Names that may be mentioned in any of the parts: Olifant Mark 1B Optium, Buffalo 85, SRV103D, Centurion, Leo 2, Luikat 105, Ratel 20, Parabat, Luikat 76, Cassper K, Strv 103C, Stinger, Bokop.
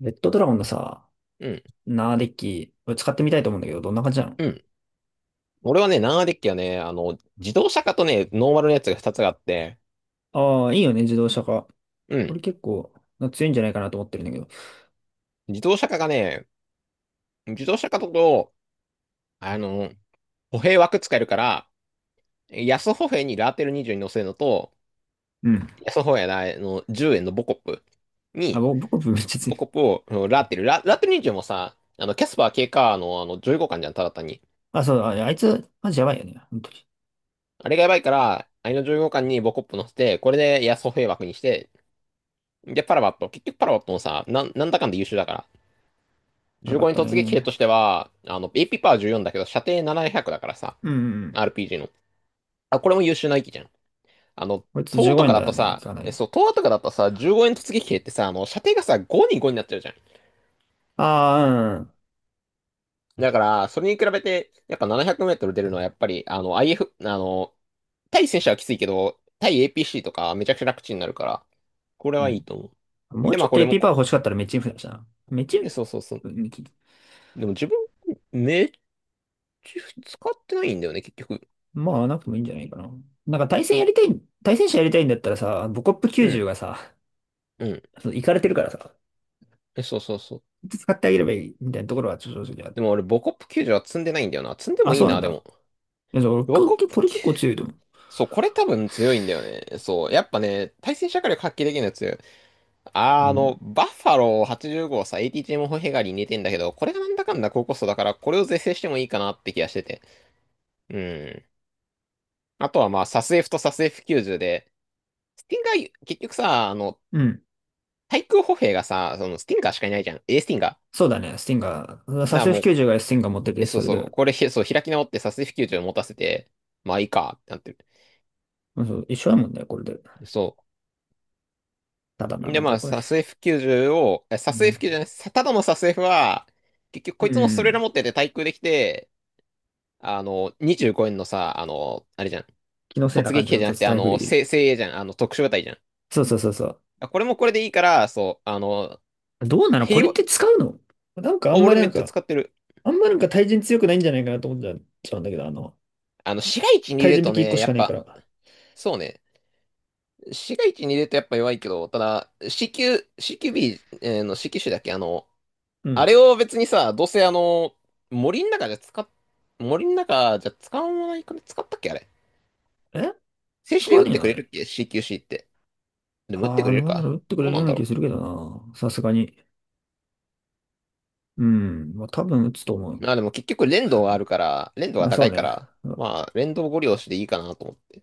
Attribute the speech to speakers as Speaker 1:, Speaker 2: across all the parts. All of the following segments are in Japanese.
Speaker 1: レッドドラゴンのさ、
Speaker 2: うん。
Speaker 1: ナーデッキ、これ使ってみたいと思うんだけど、どんな感じなの？
Speaker 2: うん。俺はね、ナンアデッキはね、自動車化とね、ノーマルのやつが2つがあって、
Speaker 1: ああー、いいよね、自動車化。
Speaker 2: う
Speaker 1: 俺
Speaker 2: ん。
Speaker 1: 結構、強いんじゃないかなと思ってるんだけど。
Speaker 2: 自動車化がね、自動車化だと、あの、歩兵枠使えるから、安歩兵にラーテル20に乗せるのと、
Speaker 1: うん。
Speaker 2: 安歩兵のあの10円のボコップ
Speaker 1: あ、
Speaker 2: に、
Speaker 1: 僕、めっちゃ
Speaker 2: ボ
Speaker 1: 強
Speaker 2: コ
Speaker 1: い。
Speaker 2: ップをラーテル20もさ、キャスパー K カーのあの15巻じゃん、ただ単に。
Speaker 1: あ、そう、あ、あいつ、マジやばいよね。本当に。
Speaker 2: あれがやばいから、あれの15巻にボコップ乗せて、これで安歩兵枠にして、で、パラバット。結局パラバットもさ、なんだかんだ優秀だから
Speaker 1: やばか
Speaker 2: 15
Speaker 1: っ
Speaker 2: に
Speaker 1: たね。
Speaker 2: 突
Speaker 1: う
Speaker 2: 撃兵
Speaker 1: ん
Speaker 2: としては、AP パワー14だけど、射程700だからさ、
Speaker 1: うんうん。
Speaker 2: RPG の。あ、これも優秀な域じゃん。あの、
Speaker 1: こいつ
Speaker 2: 東
Speaker 1: 15
Speaker 2: とか
Speaker 1: 円だ
Speaker 2: だと
Speaker 1: よね、
Speaker 2: さ、
Speaker 1: かなり。
Speaker 2: そう、東とかだとさ、15円突撃兵ってさ、射程がさ、5に5になっちゃうじゃん。
Speaker 1: あ
Speaker 2: だから、それに比べて、やっぱ700メートル出るのは、やっぱり、IF、対戦車はきついけど、対 APC とかめちゃくちゃ楽ちんになるから、これ
Speaker 1: うん。
Speaker 2: は
Speaker 1: う
Speaker 2: いい
Speaker 1: ん。
Speaker 2: と思
Speaker 1: うん。
Speaker 2: う。
Speaker 1: もう
Speaker 2: で、ま
Speaker 1: ちょ
Speaker 2: あ
Speaker 1: っ
Speaker 2: こ
Speaker 1: と
Speaker 2: れも
Speaker 1: AP パワー
Speaker 2: こ、
Speaker 1: 欲しかったらメチンフだしな。メチン
Speaker 2: ねそうそうそう。
Speaker 1: フ、う。
Speaker 2: でも自分、めっちゃ使ってないんだよね、結局。
Speaker 1: まあ、なくてもいいんじゃないかな。なんか対戦者やりたいんだったらさ、ボコップ
Speaker 2: う
Speaker 1: 90
Speaker 2: ん、
Speaker 1: がさ、
Speaker 2: うん。
Speaker 1: そうイカれてるからさ。
Speaker 2: そうそうそう。
Speaker 1: 使ってあげればいいみたいなところは正直ある。
Speaker 2: でも俺、ボコップ90は積んでないんだよな。積んで
Speaker 1: あ、
Speaker 2: もいい
Speaker 1: そうなん
Speaker 2: な、で
Speaker 1: だ。
Speaker 2: も。
Speaker 1: いや、俺、
Speaker 2: ボ
Speaker 1: こ
Speaker 2: コッ
Speaker 1: 結構
Speaker 2: プ
Speaker 1: これ
Speaker 2: 9、
Speaker 1: 結構強いと思う。
Speaker 2: そう、これ多分強いんだよね。そう、やっぱね、対戦射火力発揮できるやつ。
Speaker 1: うん。
Speaker 2: バッファロー85をさ、ATG モホヘガリに似てんだけど、これがなんだかんだ高コストだから、これを是正してもいいかなって気がしてて。うん。あとはまあ、サス F とサス F90 で、スティンガー、結局さ、
Speaker 1: うん。
Speaker 2: 対空歩兵がさ、そのスティンガーしかいないじゃん。A スティンガ
Speaker 1: そうだね、スティンガー。
Speaker 2: ー。
Speaker 1: サ
Speaker 2: なあ、
Speaker 1: セフ
Speaker 2: もう、
Speaker 1: 90がスティンガー持ってて、
Speaker 2: そう
Speaker 1: それ
Speaker 2: そう、
Speaker 1: で。
Speaker 2: これ、そう、開き直ってサス F90 を持たせて、まあいいか、ってなってる。
Speaker 1: うんそう、一緒だもんね、これで。
Speaker 2: そう。
Speaker 1: ただな、
Speaker 2: で、
Speaker 1: なん
Speaker 2: ま
Speaker 1: か
Speaker 2: あ、
Speaker 1: これ。
Speaker 2: サス F90 を、
Speaker 1: う
Speaker 2: サス
Speaker 1: ん。
Speaker 2: F90 じゅうじゃない、ただのサス F は、結局
Speaker 1: う
Speaker 2: こいつもストレーラ
Speaker 1: ん。
Speaker 2: 持ってて対空できて、25円のさ、あれじゃん。
Speaker 1: 気のせいな
Speaker 2: 突
Speaker 1: 感
Speaker 2: 撃
Speaker 1: じ
Speaker 2: 兵
Speaker 1: の
Speaker 2: じゃなく
Speaker 1: 立つ
Speaker 2: て、
Speaker 1: タイプでいい。
Speaker 2: 精鋭じゃん。特殊部隊じゃん。
Speaker 1: そうそうそうそう。
Speaker 2: これもこれでいいから、そう、
Speaker 1: どうなのこ
Speaker 2: 平
Speaker 1: れっ
Speaker 2: 和、
Speaker 1: て使うの？なんかあ
Speaker 2: あ、
Speaker 1: んま
Speaker 2: 俺
Speaker 1: り
Speaker 2: め
Speaker 1: なん
Speaker 2: っちゃ
Speaker 1: か、
Speaker 2: 使ってる。
Speaker 1: あんまなんか対人強くないんじゃないかなと思っちゃうんだけど、あの、
Speaker 2: 市街地に入
Speaker 1: 対
Speaker 2: れる
Speaker 1: 人
Speaker 2: と
Speaker 1: き1個
Speaker 2: ね、
Speaker 1: し
Speaker 2: や
Speaker 1: か
Speaker 2: っ
Speaker 1: ねえか
Speaker 2: ぱ、
Speaker 1: ら。
Speaker 2: そうね。市街地に入れるとやっぱ弱いけど、ただ、CQ、CQB の CQ 種だっけ
Speaker 1: う
Speaker 2: あれ
Speaker 1: ん。
Speaker 2: を別にさ、どうせ森の中じゃ使っ、森の中じゃ使わないかね使ったっけあれ。
Speaker 1: え、
Speaker 2: 静止
Speaker 1: 使
Speaker 2: で
Speaker 1: わ
Speaker 2: 打っ
Speaker 1: ねえ
Speaker 2: て
Speaker 1: の
Speaker 2: く
Speaker 1: あ
Speaker 2: れ
Speaker 1: れ。
Speaker 2: るっけ？ CQC って。でも打って
Speaker 1: あ
Speaker 2: く
Speaker 1: あ、
Speaker 2: れ
Speaker 1: ど
Speaker 2: る
Speaker 1: うなの
Speaker 2: か
Speaker 1: 打ってく
Speaker 2: ど
Speaker 1: れ
Speaker 2: う
Speaker 1: る
Speaker 2: な
Speaker 1: よ
Speaker 2: ん
Speaker 1: うな
Speaker 2: だ
Speaker 1: 気
Speaker 2: ろ
Speaker 1: するけどな。さすがに。うん、まあ、多分打つと思
Speaker 2: う。
Speaker 1: う。
Speaker 2: まあでも結局連動があるから、連動が
Speaker 1: まあそ
Speaker 2: 高
Speaker 1: う
Speaker 2: いか
Speaker 1: ね。
Speaker 2: ら、まあ連動ご利用しでいいかなと思って。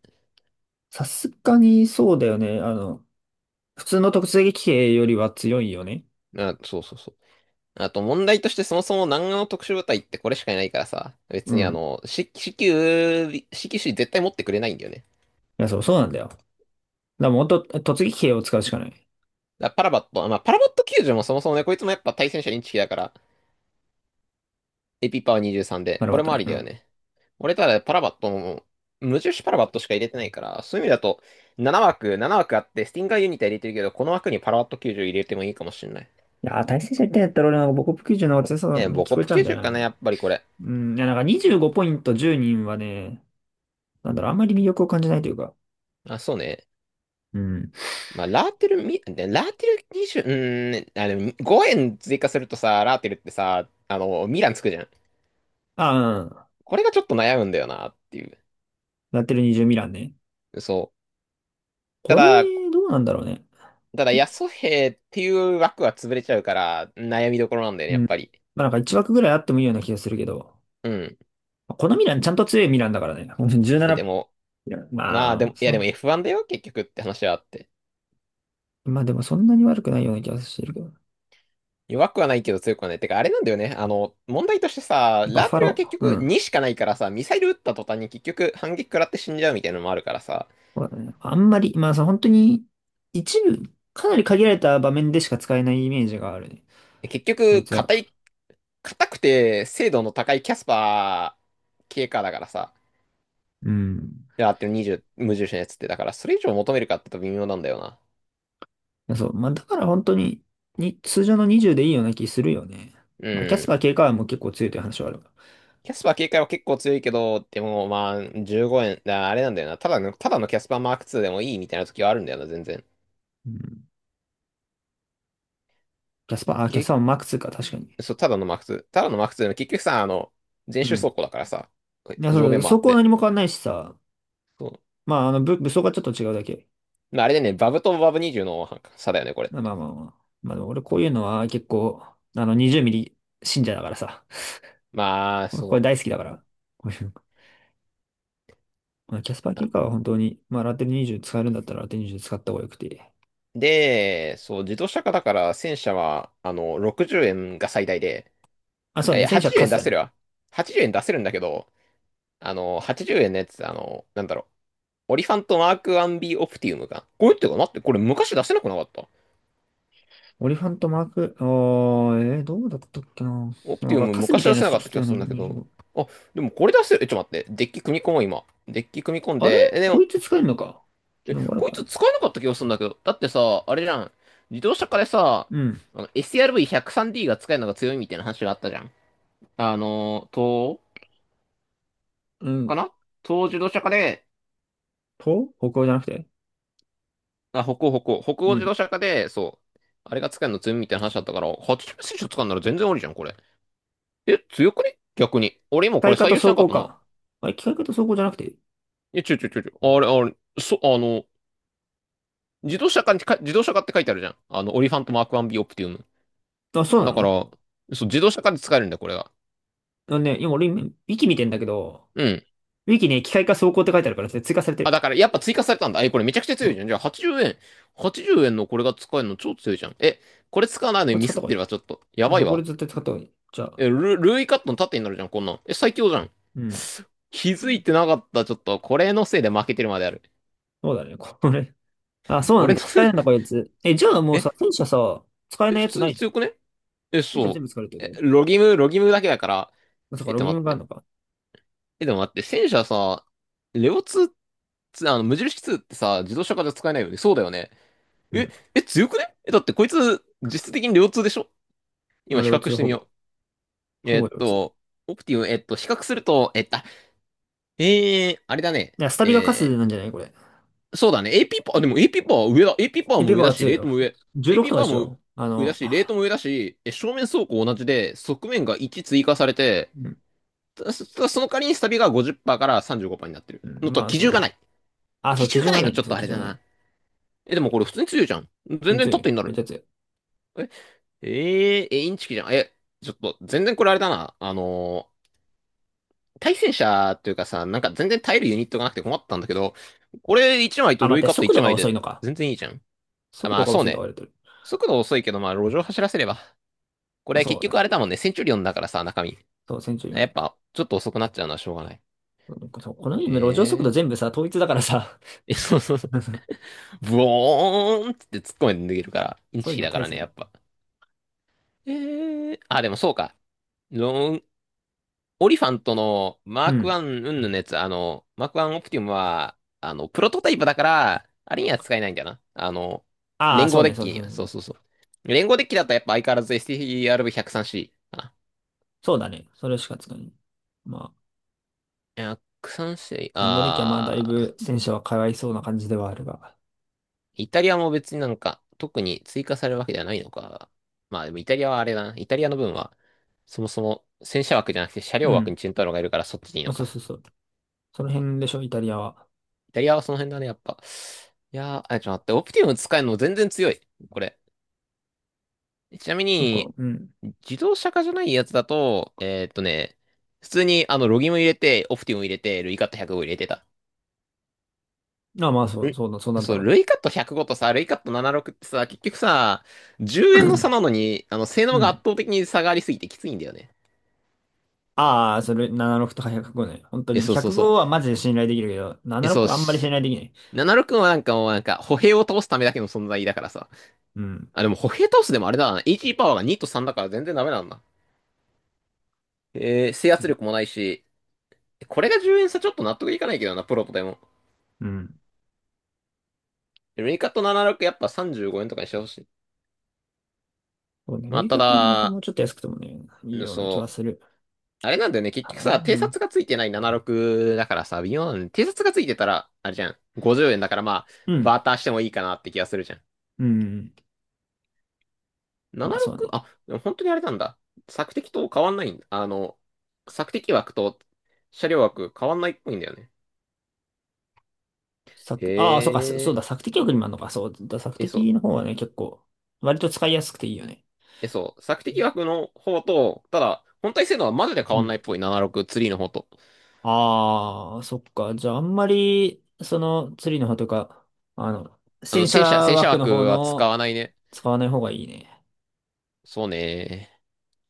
Speaker 1: さすがにそうだよね。あの、普通の突撃兵よりは強いよね。
Speaker 2: あ、そうそうそう。あと問題としてそもそも南岸の特殊部隊ってこれしかいないからさ、
Speaker 1: う
Speaker 2: 別に
Speaker 1: ん。い
Speaker 2: CQ、c シー絶対持ってくれないんだよね。
Speaker 1: や、そう、そうなんだよ。だからもっと突撃兵を使うしかない。
Speaker 2: だからパラバット、まあパラバット救助もそもそもね、こいつもやっぱ対戦車インチキだから、AP パワー23で、
Speaker 1: なる
Speaker 2: こ
Speaker 1: ほ
Speaker 2: れ
Speaker 1: ど
Speaker 2: もあ
Speaker 1: ね。
Speaker 2: り
Speaker 1: う
Speaker 2: だよ
Speaker 1: ん。
Speaker 2: ね。俺ただパラバットも、無印パラバットしか入れてないから、そういう意味だと、7枠あって、スティンガーユニタ入れてるけど、この枠にパラバット90入れてもいいかもしれない。
Speaker 1: いやー、対戦者みたいやったら俺なんか母国球児の方が強さ
Speaker 2: え、
Speaker 1: に
Speaker 2: ボ
Speaker 1: 聞
Speaker 2: コッ
Speaker 1: こえ
Speaker 2: プ
Speaker 1: ちゃうんだよ
Speaker 2: 90かな、や
Speaker 1: な。
Speaker 2: っぱりこれ。
Speaker 1: うん。いや、なんか25ポイント10人はね、なんだろう、あんまり魅力を感じないというか。
Speaker 2: あ、そうね。
Speaker 1: うん。
Speaker 2: まあ、ラーテルみ、でラーテル20、ね5円追加するとさ、ラーテルってさ、ミランつくじゃん。
Speaker 1: ああ、う
Speaker 2: これがちょっと悩むんだよな、っていう。
Speaker 1: ん。やってる20ミランね。
Speaker 2: そう。
Speaker 1: これ、どうなんだろうね。
Speaker 2: ただ、ヤソヘっていう枠は潰れちゃうから、悩みどころなんだよね、
Speaker 1: う
Speaker 2: や
Speaker 1: ん。
Speaker 2: っぱり。
Speaker 1: まあなんか1枠ぐらいあってもいいような気がするけど。
Speaker 2: うん。
Speaker 1: このミラン、ちゃんと強いミランだからね。
Speaker 2: で
Speaker 1: 17、
Speaker 2: も、まあ
Speaker 1: ま
Speaker 2: で
Speaker 1: あ、
Speaker 2: も、いや
Speaker 1: そう
Speaker 2: でも
Speaker 1: だ。
Speaker 2: F1 だよ、結局って話はあって。
Speaker 1: まあでもそんなに悪くないような気がしてるけど。
Speaker 2: 弱くはないけど強くはない。てか、あれなんだよね。問題としてさ、
Speaker 1: バッ
Speaker 2: ラー
Speaker 1: ファ
Speaker 2: テルが結
Speaker 1: ロー。う
Speaker 2: 局
Speaker 1: ん。
Speaker 2: 2しかないからさ、ミサイル撃った途端に結局反撃食らって死んじゃうみたいなのもあるからさ、
Speaker 1: そうだね。あんまり、まあさ、本当に、一部、かなり限られた場面でしか使えないイメージがあるね。
Speaker 2: 結
Speaker 1: こい
Speaker 2: 局、
Speaker 1: つは。
Speaker 2: 硬くて精度の高いキャスパー系かだからさ、
Speaker 1: うん。
Speaker 2: ラーテル20、無重視のやつって、だからそれ以上求めるかって言うと微妙なんだよな。
Speaker 1: そう。まあだから本当に、通常の20でいいような気するよね。
Speaker 2: う
Speaker 1: まあキャスパー
Speaker 2: ん。
Speaker 1: 警官も結構強いという話はあるが。
Speaker 2: キャスパー警戒は結構強いけど、でもまあ、15円、だあれなんだよな。ただのキャスパーマーク2でもいいみたいな時はあるんだよな、全然。
Speaker 1: うん。キャスパー、あ、キャスパ
Speaker 2: 警
Speaker 1: ーもマックスか、確かに。
Speaker 2: そう、ただのマーク2。ただのマーク2の結局さ、全
Speaker 1: う
Speaker 2: 周走
Speaker 1: ん。
Speaker 2: 行だからさ、
Speaker 1: いや、
Speaker 2: 上
Speaker 1: そ
Speaker 2: 面
Speaker 1: う、
Speaker 2: もあ
Speaker 1: そ
Speaker 2: っ
Speaker 1: こは
Speaker 2: て。
Speaker 1: 何も変わんないしさ。
Speaker 2: そう。
Speaker 1: まあ、あの、武装がちょっと違うだけ。
Speaker 2: まあ、あれでね、バブとバブ20の差だよね、これっ
Speaker 1: まあま
Speaker 2: て。
Speaker 1: あまあまあ。まあでも俺こういうのは結構、あの、20ミリ信者だからさ。
Speaker 2: まあ、
Speaker 1: これ
Speaker 2: そ
Speaker 1: 大好きだから。こういうの。まあ、キャスパー
Speaker 2: う。
Speaker 1: 結果は本当に、まあラテル20使えるんだったらラテル20使った方がよくて。
Speaker 2: で、そう、自動車化だから戦車は、60円が最大で、
Speaker 1: あ、
Speaker 2: い
Speaker 1: そう
Speaker 2: やい
Speaker 1: ね。
Speaker 2: や、
Speaker 1: 戦車
Speaker 2: 80
Speaker 1: カ
Speaker 2: 円
Speaker 1: ス
Speaker 2: 出
Speaker 1: だ
Speaker 2: せ
Speaker 1: ね。
Speaker 2: るわ。80円出せるんだけど、80円のやつ、なんだろう。オリファントマーク 1B オプティウムか。これってかなって、これ昔出せなくなかった
Speaker 1: オリファントマーク、あー、えー、どうだったっけな。
Speaker 2: オプ
Speaker 1: な
Speaker 2: テ
Speaker 1: ん
Speaker 2: ィウ
Speaker 1: か
Speaker 2: ム
Speaker 1: カスみ
Speaker 2: 昔
Speaker 1: たい
Speaker 2: 出
Speaker 1: なや
Speaker 2: せ
Speaker 1: つ
Speaker 2: なか
Speaker 1: 出
Speaker 2: っ
Speaker 1: し
Speaker 2: た気
Speaker 1: た
Speaker 2: が
Speaker 1: よ
Speaker 2: す
Speaker 1: ね。
Speaker 2: るんだけど。
Speaker 1: 25。
Speaker 2: あ、でもこれ出せる。え、ちょっと待って。デッキ組み込もう、今。デッキ組み込ん
Speaker 1: あれ
Speaker 2: で。え、で
Speaker 1: こ
Speaker 2: も、
Speaker 1: いつ使えるのか。ちょっと悪
Speaker 2: こい
Speaker 1: くな
Speaker 2: つ
Speaker 1: い。
Speaker 2: 使えなかった気がするんだけど。だってさ、あれじゃん。自動車化でさ、
Speaker 1: うん。
Speaker 2: SRV103D が使えるのが強いみたいな話があったじゃん。東欧
Speaker 1: う
Speaker 2: か
Speaker 1: ん。
Speaker 2: な東欧自動車化で、
Speaker 1: と歩行じゃなくて。
Speaker 2: あ、北
Speaker 1: う
Speaker 2: 欧自
Speaker 1: ん。機
Speaker 2: 動車化で、そう。あれが使えるの強いみたいな話だったから、80選手使うなら全然ありじゃん、これ。え、強くね逆に。俺今こ
Speaker 1: 械
Speaker 2: れ
Speaker 1: 化
Speaker 2: 採
Speaker 1: と
Speaker 2: 用して
Speaker 1: 走
Speaker 2: なかっ
Speaker 1: 行
Speaker 2: たな。
Speaker 1: か。あれ、機械化と走行じゃなくて。
Speaker 2: え、ちょちょちょちょ。あれ、あれ、そ、あの、自動車化って書いてあるじゃん。オリファントマーク 1B オプティウム。
Speaker 1: あ、そうな
Speaker 2: だから、
Speaker 1: の？
Speaker 2: そう、自動車化で使えるんだよ、これが。
Speaker 1: あのね、今俺今、息見てんだけど、
Speaker 2: うん。
Speaker 1: ウィキね、機械化走行って書いてあるから、それ追加されて
Speaker 2: あ、
Speaker 1: る。
Speaker 2: だから、やっぱ追加されたんだ。え、これめちゃくちゃ
Speaker 1: う
Speaker 2: 強い
Speaker 1: ん、
Speaker 2: じゃん。じゃあ、80円のこれが使えるの超強いじゃん。え、これ使わないの
Speaker 1: こ
Speaker 2: に
Speaker 1: れ
Speaker 2: ミ
Speaker 1: 使っ
Speaker 2: ス
Speaker 1: た
Speaker 2: っ
Speaker 1: 方が
Speaker 2: て
Speaker 1: いい。
Speaker 2: るわ、ちょっと。や
Speaker 1: うん
Speaker 2: ばい
Speaker 1: そう、これ
Speaker 2: わ。
Speaker 1: 絶対使った方がいい。じゃあ、
Speaker 2: え、ルーイカットの縦になるじゃん、こんなん。え、最強じゃん。
Speaker 1: うん。
Speaker 2: 気
Speaker 1: う
Speaker 2: づい
Speaker 1: ん
Speaker 2: てなかった、ちょっと。これのせいで負けてるまである。
Speaker 1: そうだね、これ。あ、そう
Speaker 2: こ
Speaker 1: な
Speaker 2: れ
Speaker 1: ん
Speaker 2: の
Speaker 1: だ。使
Speaker 2: せ
Speaker 1: え
Speaker 2: い、
Speaker 1: るんだ、こいつ。え、じゃあもうさ、
Speaker 2: え、
Speaker 1: 戦車さ、使え
Speaker 2: え、
Speaker 1: ない
Speaker 2: 普
Speaker 1: やつ
Speaker 2: 通
Speaker 1: な
Speaker 2: に
Speaker 1: いじゃ
Speaker 2: 強く
Speaker 1: ん。
Speaker 2: ねえ、
Speaker 1: 戦車
Speaker 2: そ
Speaker 1: 全
Speaker 2: う。
Speaker 1: 部使えるって
Speaker 2: え、
Speaker 1: こ
Speaker 2: ロギムだけだから。
Speaker 1: とだか
Speaker 2: え、
Speaker 1: ら、
Speaker 2: っ
Speaker 1: ロ
Speaker 2: て
Speaker 1: グイ
Speaker 2: 待
Speaker 1: ン
Speaker 2: っ
Speaker 1: がある
Speaker 2: て。
Speaker 1: のか。
Speaker 2: え、でも待って、戦車さ、レオ2って、無印2ってさ、自動車化で使えないよね。そうだよね。
Speaker 1: うん。
Speaker 2: 強くねえ、だってこいつ、実質的にレオ2でしょ
Speaker 1: ま
Speaker 2: 今
Speaker 1: あ、
Speaker 2: 比
Speaker 1: レ通
Speaker 2: 較し
Speaker 1: 2
Speaker 2: て
Speaker 1: ほ
Speaker 2: み
Speaker 1: ぼ。
Speaker 2: よう。
Speaker 1: ほぼレ2。
Speaker 2: オプティム、比較すると、あれだね。
Speaker 1: いや、スタビがカスなんじゃないこれ。
Speaker 2: そうだね。AP パワー、でも AP パワーは上だ。AP パワー
Speaker 1: え、
Speaker 2: も
Speaker 1: ペ
Speaker 2: 上
Speaker 1: パ
Speaker 2: だ
Speaker 1: は
Speaker 2: し、
Speaker 1: 強い
Speaker 2: レート
Speaker 1: よ。
Speaker 2: も上。
Speaker 1: 16
Speaker 2: AP
Speaker 1: とか
Speaker 2: パ
Speaker 1: で
Speaker 2: ワー
Speaker 1: し
Speaker 2: も
Speaker 1: ょあ
Speaker 2: 上だ
Speaker 1: の、
Speaker 2: し、レートも上だし、正面走行同じで、側面が1追加されて、
Speaker 1: うん
Speaker 2: その代わりにスタビが50%から35%になってる、
Speaker 1: うん
Speaker 2: のと、
Speaker 1: まあ、
Speaker 2: 機
Speaker 1: そ
Speaker 2: 銃が
Speaker 1: う。
Speaker 2: ない。
Speaker 1: あ、そ
Speaker 2: 基
Speaker 1: う、基
Speaker 2: 準が
Speaker 1: 準
Speaker 2: な
Speaker 1: が
Speaker 2: い
Speaker 1: な
Speaker 2: の
Speaker 1: いん
Speaker 2: ちょ
Speaker 1: で
Speaker 2: っ
Speaker 1: そ
Speaker 2: と
Speaker 1: う、
Speaker 2: あ
Speaker 1: 基
Speaker 2: れ
Speaker 1: 準
Speaker 2: だ
Speaker 1: がない。
Speaker 2: な。でもこれ普通に強いじゃん。全
Speaker 1: 全
Speaker 2: 然
Speaker 1: 然強
Speaker 2: 縦
Speaker 1: い。
Speaker 2: にな
Speaker 1: めっ
Speaker 2: る。
Speaker 1: ちゃ強い。
Speaker 2: え、えー、え、インチキじゃん。ちょっと、全然これあれだな。対戦車っていうかさ、なんか全然耐えるユニットがなくて困ったんだけど、これ1枚
Speaker 1: あ、
Speaker 2: と
Speaker 1: 待
Speaker 2: ル
Speaker 1: っ
Speaker 2: イ
Speaker 1: て、
Speaker 2: カット
Speaker 1: 速
Speaker 2: 1
Speaker 1: 度が
Speaker 2: 枚
Speaker 1: 遅い
Speaker 2: で
Speaker 1: のか。
Speaker 2: 全然いいじゃん。あ、
Speaker 1: 速
Speaker 2: ま
Speaker 1: 度
Speaker 2: あ
Speaker 1: が
Speaker 2: そう
Speaker 1: 遅いとか言
Speaker 2: ね。
Speaker 1: われてる。
Speaker 2: 速度遅いけど、まあ路上走らせれば。こ
Speaker 1: まあ、
Speaker 2: れ
Speaker 1: そ
Speaker 2: 結
Speaker 1: うだね。
Speaker 2: 局あれだもんね。センチュリオンだからさ、中身。
Speaker 1: そう、戦中。
Speaker 2: やっぱ、ちょっと遅くなっちゃうのはしょうがない。
Speaker 1: なんかさ、この
Speaker 2: へ
Speaker 1: 今、路上速度全
Speaker 2: え。
Speaker 1: 部さ、統一だからさ、
Speaker 2: そうそうそう。ブオーンっって突っ込んで逃げるから、イン
Speaker 1: そう
Speaker 2: チ
Speaker 1: いう
Speaker 2: キ
Speaker 1: の
Speaker 2: だか
Speaker 1: 大
Speaker 2: ら
Speaker 1: 差
Speaker 2: ね、や
Speaker 1: ね。
Speaker 2: っぱ。でもそうか。ロン、オリファントのマ
Speaker 1: う
Speaker 2: ーク
Speaker 1: ん。
Speaker 2: ワンうんぬんのやつ、マークワンオプティムは、プロトタイプだから、あれには使えないんだよな。
Speaker 1: ああ、
Speaker 2: 連
Speaker 1: そ
Speaker 2: 合
Speaker 1: う
Speaker 2: デ
Speaker 1: ね、
Speaker 2: ッ
Speaker 1: そう
Speaker 2: キ
Speaker 1: そ
Speaker 2: に
Speaker 1: う
Speaker 2: は、
Speaker 1: そうそ
Speaker 2: そう
Speaker 1: う。
Speaker 2: そうそう。連合デッキだとやっぱ相変わらず STRV103C かな。
Speaker 1: そうだね。それしか使えない。まあ、
Speaker 2: 103C、
Speaker 1: 言語的にはまあ、だいぶ戦車はかわいそうな感じではあるが。
Speaker 2: イタリアも別になんか、特に追加されるわけではないのか。まあでもイタリアはあれだな。イタリアの分は、そもそも戦車枠じゃなくて車
Speaker 1: う
Speaker 2: 両枠
Speaker 1: ん。
Speaker 2: にチェンタロがいるからそっちでいい
Speaker 1: まあ、
Speaker 2: の
Speaker 1: そ
Speaker 2: か。
Speaker 1: うそうそう。その辺でしょ、イタリアは。
Speaker 2: イタリアはその辺だね、やっぱ。いやー、あ、ちょっと待って、オプティム使えるの全然強い。これ。ちなみ
Speaker 1: なんか、
Speaker 2: に、
Speaker 1: うん。
Speaker 2: 自動車化じゃないやつだと、普通にロギム入れて、オプティム入れて、ルイカット105入れてた。
Speaker 1: ああ、まあ、そう、
Speaker 2: ル
Speaker 1: そうだ、そうなるだ
Speaker 2: そう、
Speaker 1: ろうね。
Speaker 2: ルイカット105とさ、ルイカット76ってさ、結局さ、10円の差なのに、性
Speaker 1: う
Speaker 2: 能が圧
Speaker 1: ん。
Speaker 2: 倒的に差がありすぎてきついんだよね。
Speaker 1: ああ、それ、76とか105ね。本当に。
Speaker 2: そうそうそう。
Speaker 1: 105はマジで信頼できるけど、
Speaker 2: え、そ
Speaker 1: 76
Speaker 2: う
Speaker 1: はあんまり信
Speaker 2: し。
Speaker 1: 頼できない。
Speaker 2: 76はなんかもうなんか、歩兵を倒すためだけの存在だからさ。
Speaker 1: うん。
Speaker 2: あ、でも歩兵倒すでもあれだな。a ーパワーが2と3だから全然ダメなんだ。制圧力もないし、これが10円差ちょっと納得いかないけどな、プロとでも。
Speaker 1: うん。
Speaker 2: ルイカット76やっぱ35円とかにしてほしい。
Speaker 1: そうね、
Speaker 2: ま
Speaker 1: ル
Speaker 2: あ、
Speaker 1: イ
Speaker 2: た
Speaker 1: カなのかも
Speaker 2: だ、
Speaker 1: うちょっと安くてもね、いい
Speaker 2: うん
Speaker 1: ような気は
Speaker 2: そう、
Speaker 1: する。
Speaker 2: あれなんだよね、結
Speaker 1: か
Speaker 2: 局
Speaker 1: らな。
Speaker 2: さ、
Speaker 1: う
Speaker 2: 偵
Speaker 1: ん。
Speaker 2: 察がついてない76だからさ、微妙なのね。偵察がついてたら、あれじゃん、50円だからまあ、
Speaker 1: う
Speaker 2: バ
Speaker 1: ん
Speaker 2: ーターしてもいいかなって気がするじゃん。
Speaker 1: うん。まあそうね。
Speaker 2: 76？ あ、でも本当にあれなんだ。索敵と変わんないんだ。索敵枠と車両枠変わんないっぽいんだよね。へ
Speaker 1: ああ、そうか、そうだ、
Speaker 2: え。
Speaker 1: 索敵力にもあるのか。そうだ、索
Speaker 2: そう。
Speaker 1: 敵の方はね、結構、割と使いやすくていいよね。
Speaker 2: そう、索敵枠の方と、ただ、本体性能はマジで変
Speaker 1: う
Speaker 2: わんない
Speaker 1: ん。
Speaker 2: っぽい、7 6ーの方と。
Speaker 1: ああ、そっか。じゃあ、あんまり、その、釣りの方とか、あの、戦車
Speaker 2: 戦車
Speaker 1: 枠の
Speaker 2: 枠
Speaker 1: 方
Speaker 2: は使
Speaker 1: の。
Speaker 2: わないね。
Speaker 1: 使わない方がいいね。
Speaker 2: そうね。